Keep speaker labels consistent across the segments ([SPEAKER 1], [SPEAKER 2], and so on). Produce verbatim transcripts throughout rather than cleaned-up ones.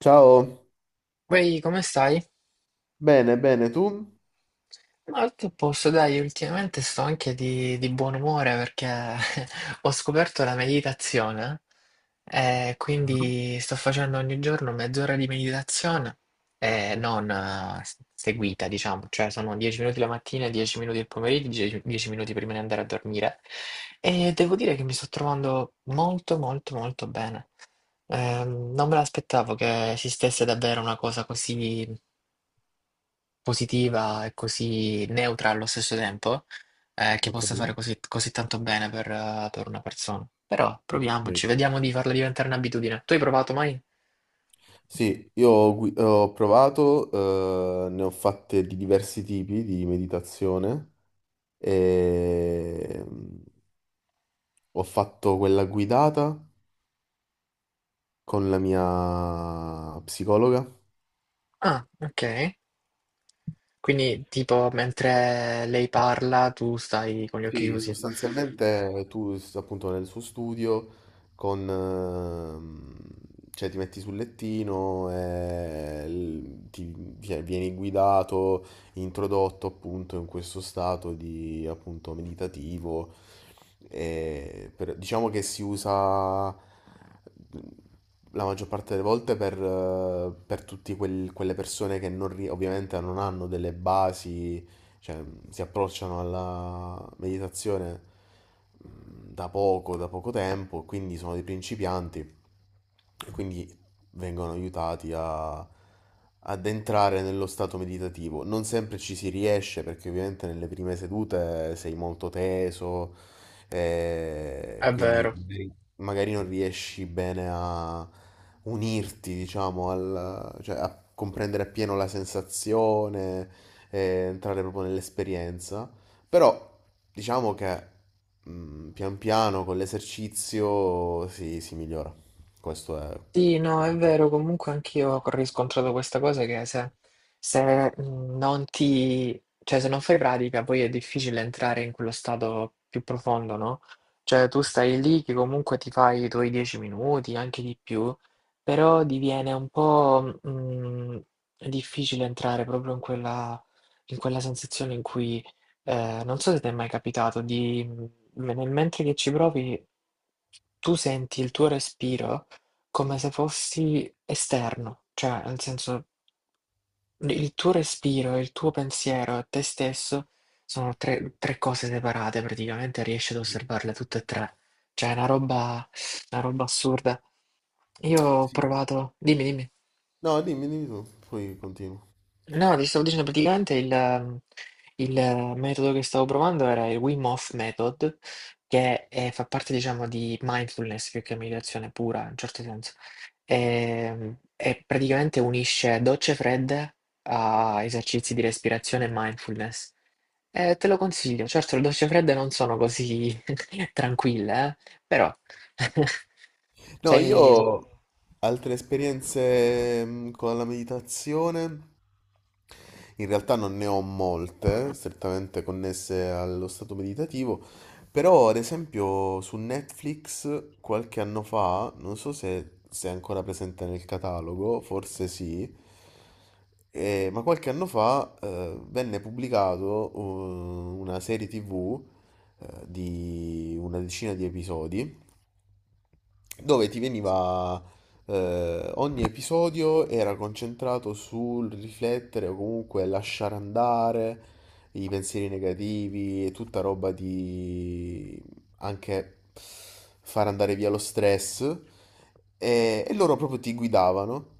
[SPEAKER 1] Ciao,
[SPEAKER 2] Vai, come stai?
[SPEAKER 1] bene, bene, tu?
[SPEAKER 2] Ma tutto a posto, dai, ultimamente sto anche di, di buon umore perché ho scoperto la meditazione e quindi sto facendo ogni giorno mezz'ora di meditazione e non eh, s- seguita, diciamo, cioè sono dieci minuti la mattina, dieci minuti il pomeriggio, dieci dieci minuti prima di andare a dormire e devo dire che mi sto trovando molto molto molto bene. Ehm, non me l'aspettavo che esistesse davvero una cosa così positiva e così neutra allo stesso tempo, eh, che
[SPEAKER 1] Ok,
[SPEAKER 2] possa fare così, così tanto bene per, eh, per una persona. Però
[SPEAKER 1] ok.
[SPEAKER 2] proviamoci, vediamo di farla diventare un'abitudine. Tu hai provato mai?
[SPEAKER 1] Sì, io ho, gui- ho provato, eh, ne ho fatte di diversi tipi di meditazione e mm, ho fatto quella guidata con la mia psicologa.
[SPEAKER 2] Ah, ok. Quindi tipo mentre lei parla tu stai con gli occhi
[SPEAKER 1] Sì,
[SPEAKER 2] chiusi.
[SPEAKER 1] sostanzialmente tu s- appunto nel suo studio con, ehm, cioè ti metti sul lettino e l- ti cioè, vieni guidato, introdotto appunto in questo stato di appunto meditativo. E per- diciamo che si usa la maggior parte delle volte per, eh, per tutte quelle persone che non, ri- ovviamente non hanno delle basi, cioè, si approcciano alla meditazione mh, da poco, da poco tempo, quindi sono dei principianti e quindi vengono aiutati a, ad entrare nello stato meditativo. Non sempre ci si riesce perché ovviamente nelle prime sedute sei molto teso, eh,
[SPEAKER 2] È
[SPEAKER 1] quindi
[SPEAKER 2] vero.
[SPEAKER 1] magari magari non riesci bene a unirti, diciamo, al, cioè a comprendere appieno la sensazione, e entrare proprio nell'esperienza. Però diciamo che mm, pian piano con l'esercizio si, si migliora. Questo è...
[SPEAKER 2] Sì, no, è
[SPEAKER 1] quello.
[SPEAKER 2] vero, comunque anch'io ho riscontrato questa cosa che se, se non ti, cioè se non fai pratica poi è difficile entrare in quello stato più profondo, no? Cioè tu stai lì che comunque ti fai i tuoi dieci minuti, anche di più, però diviene un po' mm, difficile entrare proprio in quella, in quella sensazione in cui, eh, non so se ti è mai capitato, di, nel mentre che ci provi tu senti il tuo respiro come se fossi esterno, cioè nel senso l il tuo respiro e il tuo pensiero e te stesso sono tre 3 cose separate praticamente, riesci ad osservarle tutte e tre. Cioè è una roba una roba assurda. Io ho
[SPEAKER 1] Sì.
[SPEAKER 2] provato dimmi, dimmi.
[SPEAKER 1] No, dimmi, dimmi tu, poi continuo.
[SPEAKER 2] No, ti stavo dicendo praticamente il, ehm, il, eh, metodo che stavo provando era il Wim Hof Method, che è- fa parte, diciamo, di mindfulness più che meditazione pura, in un certo senso. E, e praticamente unisce docce fredde a esercizi di respirazione e mindfulness. Eh, te lo consiglio, certo le docce fredde non sono così tranquille, eh, però.
[SPEAKER 1] No, io
[SPEAKER 2] Cioè,
[SPEAKER 1] ho altre esperienze mm, con la meditazione. In realtà non ne ho molte, strettamente connesse allo stato meditativo, però ad esempio su Netflix qualche anno fa, non so se, se è ancora presente nel catalogo, forse sì, eh, ma qualche anno fa eh, venne pubblicato eh, una serie T V eh, di una decina di episodi dove ti veniva, eh, ogni episodio era concentrato sul riflettere o comunque lasciare andare i pensieri negativi e tutta roba di anche far andare via lo stress, e, e loro proprio ti guidavano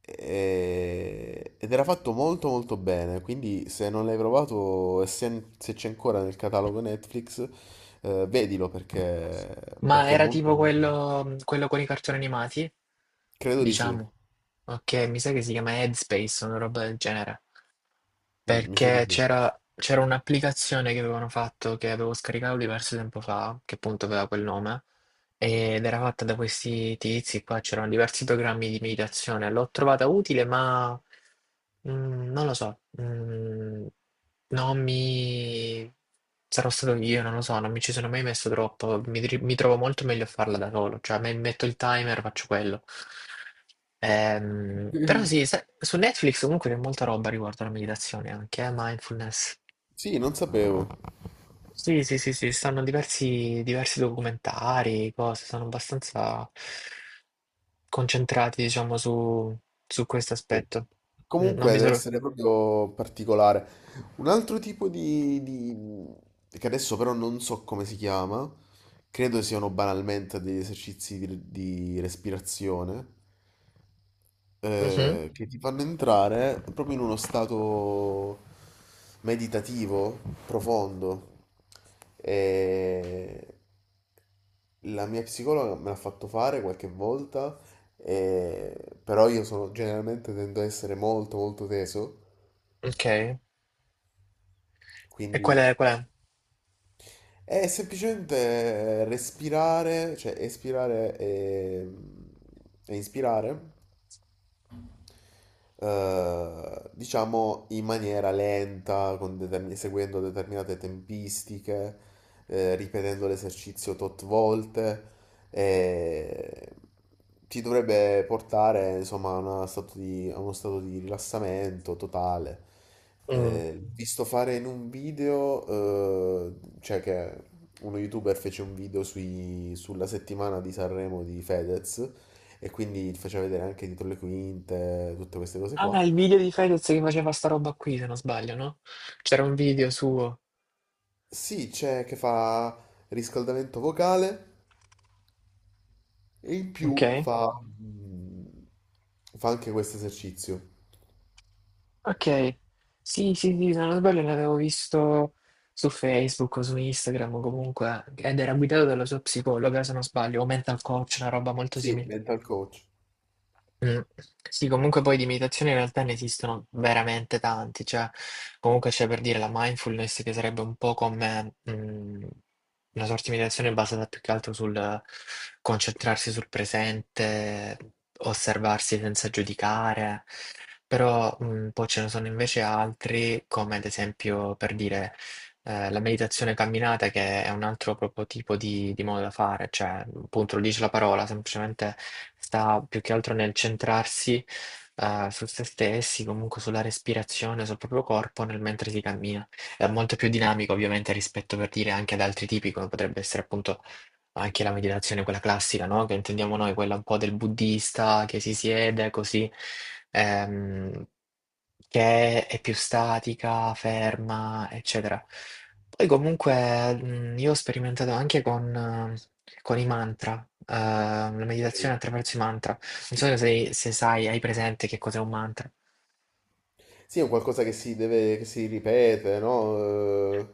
[SPEAKER 1] e- ed era fatto molto molto bene, quindi se non l'hai provato e se, se c'è ancora nel catalogo Netflix, eh, vedilo perché,
[SPEAKER 2] ma
[SPEAKER 1] perché è
[SPEAKER 2] era
[SPEAKER 1] molto...
[SPEAKER 2] tipo
[SPEAKER 1] molto bello.
[SPEAKER 2] quello, quello con i cartoni animati?
[SPEAKER 1] Credo di sì.
[SPEAKER 2] Diciamo. Okay, mi sa che si chiama Headspace, una roba del genere,
[SPEAKER 1] Mm, mi sa di
[SPEAKER 2] perché
[SPEAKER 1] sì.
[SPEAKER 2] c'era c'era un'applicazione che avevano fatto, che avevo scaricato diverso tempo fa, che appunto aveva quel nome ed era fatta da questi tizi qua, c'erano diversi programmi di meditazione, l'ho trovata utile, ma mm, non lo so, mm, non mi... sarò stato io, non lo so, non mi ci sono mai messo troppo, mi, tri- mi trovo molto meglio a farla da solo, cioè me- metto il timer, faccio quello. Ehm, però
[SPEAKER 1] Mm.
[SPEAKER 2] sì, sa- su Netflix comunque c'è molta roba riguardo alla meditazione anche, eh, mindfulness.
[SPEAKER 1] Sì, non sapevo.
[SPEAKER 2] Sì, sì, sì, sì, stanno diversi, diversi documentari, cose, sono abbastanza concentrati, diciamo, su, su questo
[SPEAKER 1] Sì.
[SPEAKER 2] aspetto. Mm. Non
[SPEAKER 1] Comunque
[SPEAKER 2] mi
[SPEAKER 1] deve
[SPEAKER 2] trovo.
[SPEAKER 1] essere proprio particolare. Un altro tipo di, di- che adesso però non so come si chiama, credo siano banalmente degli esercizi di, di respirazione,
[SPEAKER 2] Mhm.
[SPEAKER 1] eh, che ti fanno entrare proprio in uno stato meditativo profondo. E la mia psicologa me l'ha fatto fare qualche volta, e- però io sono, generalmente tendo a essere molto molto teso,
[SPEAKER 2] Ok. E qual
[SPEAKER 1] quindi
[SPEAKER 2] è, qual
[SPEAKER 1] è semplicemente respirare, cioè espirare e, e inspirare, eh, diciamo in maniera lenta, con determin- seguendo determinate tempistiche, eh, ripetendo l'esercizio tot volte, e ti dovrebbe portare insomma a, una stato di- a uno stato di rilassamento totale.
[SPEAKER 2] è? Mm.
[SPEAKER 1] Eh, visto fare in un video, eh, cioè che uno youtuber fece un video sui- sulla settimana di Sanremo di Fedez, e quindi ti faceva vedere anche dietro le quinte, tutte queste cose qua.
[SPEAKER 2] Ah, il video di Fedez che faceva sta roba qui, se non sbaglio, no? C'era un video suo.
[SPEAKER 1] Sì, c'è che fa riscaldamento vocale e in più
[SPEAKER 2] Ok.
[SPEAKER 1] fa, mm, fa anche questo esercizio.
[SPEAKER 2] Ok. Sì, sì, sì, se non sbaglio l'avevo visto su Facebook o su Instagram o comunque, ed era guidato dalla sua psicologa, se non sbaglio, o mental coach, una roba molto
[SPEAKER 1] Sì,
[SPEAKER 2] simile.
[SPEAKER 1] mental coach.
[SPEAKER 2] Mh. Sì, comunque poi di meditazione in realtà ne esistono veramente tanti, cioè comunque c'è per dire la mindfulness che sarebbe un po' come, mhmm, una sorta di meditazione basata più che altro sul concentrarsi sul presente, osservarsi senza giudicare, però, mhmm, poi ce ne sono invece altri come ad esempio per dire eh, la meditazione camminata che è un altro proprio tipo di, di modo da fare, cioè appunto lo dice la parola, semplicemente sta più che altro nel centrarsi eh, su se stessi, comunque sulla respirazione, sul proprio corpo nel mentre si cammina. È molto più dinamico ovviamente rispetto per dire anche ad altri tipi, come potrebbe essere appunto anche la meditazione, quella classica, no? Che intendiamo noi, quella un po' del buddista che si siede così, ehm, che è più statica, ferma, eccetera. Poi comunque mh, io ho sperimentato anche con, eh, con i mantra, eh, la meditazione
[SPEAKER 1] Ok.
[SPEAKER 2] attraverso i mantra. Non so se, se sai, hai presente che cos'è un mantra.
[SPEAKER 1] Sì, è un qualcosa che si deve, che si ripete, no? Eh,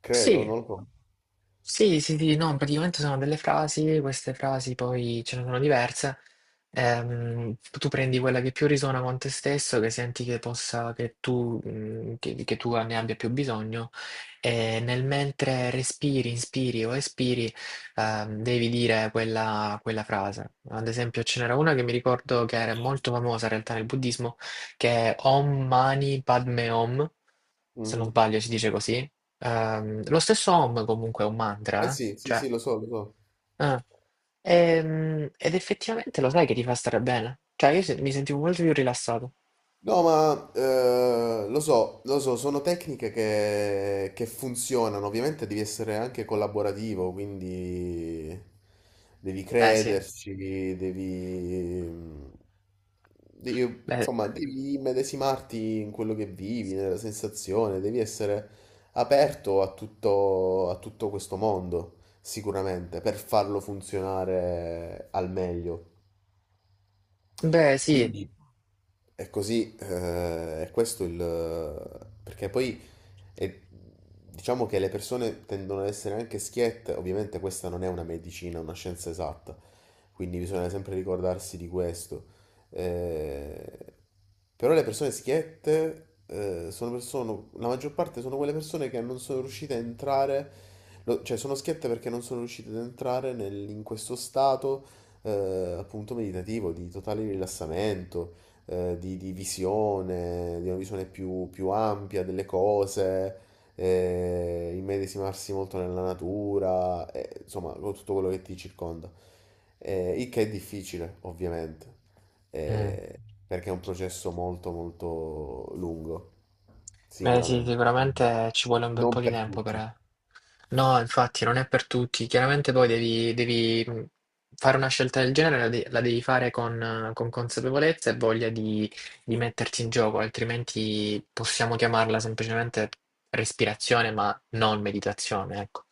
[SPEAKER 1] credo,
[SPEAKER 2] Sì.
[SPEAKER 1] non lo so.
[SPEAKER 2] Sì, sì, sì, no, praticamente sono delle frasi, queste frasi poi ce ne sono diverse. Ehm, tu prendi quella che più risuona con te stesso, che senti che possa, che tu, mm, che, che tu ne abbia più bisogno, e nel mentre respiri, inspiri o espiri, ehm, devi dire quella, quella frase. Ad esempio, ce n'era una che mi ricordo che era molto famosa in realtà nel buddismo, che è Om Mani Padme Hum se non
[SPEAKER 1] Mhm.
[SPEAKER 2] sbaglio si dice così. Ehm, lo stesso Om comunque è un
[SPEAKER 1] Eh
[SPEAKER 2] mantra, eh.
[SPEAKER 1] sì, sì,
[SPEAKER 2] Cioè,
[SPEAKER 1] sì, lo so, lo so.
[SPEAKER 2] eh. Ehm, ed effettivamente lo sai che ti fa stare bene. Cioè, io se- mi sentivo molto più rilassato.
[SPEAKER 1] No, ma eh, lo so, lo so, sono tecniche che, che funzionano. Ovviamente devi essere anche collaborativo, quindi devi
[SPEAKER 2] Beh, sì.
[SPEAKER 1] crederci, devi, devi-
[SPEAKER 2] Beh,
[SPEAKER 1] insomma, devi immedesimarti in quello che vivi, nella sensazione, devi essere aperto a tutto, a tutto questo mondo, sicuramente, per farlo funzionare al meglio.
[SPEAKER 2] beh, sì.
[SPEAKER 1] Quindi è così, eh, è questo il... perché poi è- diciamo che le persone tendono ad essere anche schiette, ovviamente questa non è una medicina, una scienza esatta, quindi bisogna sempre ricordarsi di questo. Eh, però le persone schiette eh, sono persone, la maggior parte sono quelle persone che non sono riuscite a entrare, lo- cioè sono schiette perché non sono riuscite ad entrare nel- in questo stato, eh, appunto meditativo, di totale rilassamento, eh, di, di visione, di una visione più, più ampia delle cose, eh, immedesimarsi molto nella natura, eh, insomma, con tutto quello che ti circonda. Eh, il che è difficile, ovviamente,
[SPEAKER 2] Mm.
[SPEAKER 1] eh, perché è un processo molto, molto lungo,
[SPEAKER 2] Beh sì,
[SPEAKER 1] sicuramente.
[SPEAKER 2] sicuramente ci vuole un bel po'
[SPEAKER 1] Non
[SPEAKER 2] di
[SPEAKER 1] per
[SPEAKER 2] tempo
[SPEAKER 1] tutti,
[SPEAKER 2] per. No, infatti non è per tutti. Chiaramente poi devi, devi, mh, fare una scelta del genere, la, de- la devi fare con, eh, con consapevolezza e voglia di, di metterti in gioco, altrimenti possiamo chiamarla semplicemente respirazione, ma non meditazione, ecco.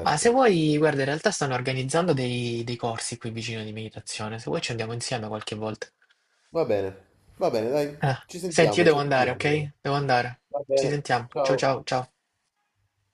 [SPEAKER 2] Ma se vuoi, guarda, in realtà stanno organizzando dei, dei corsi qui vicino di meditazione, se vuoi ci andiamo insieme qualche volta.
[SPEAKER 1] Va bene, va bene, dai,
[SPEAKER 2] Ah,
[SPEAKER 1] ci
[SPEAKER 2] senti, io
[SPEAKER 1] sentiamo, ci
[SPEAKER 2] devo andare,
[SPEAKER 1] aggiorniamo allora.
[SPEAKER 2] ok? Devo andare.
[SPEAKER 1] Va
[SPEAKER 2] Ci
[SPEAKER 1] bene,
[SPEAKER 2] sentiamo. Ciao
[SPEAKER 1] ciao.
[SPEAKER 2] ciao ciao.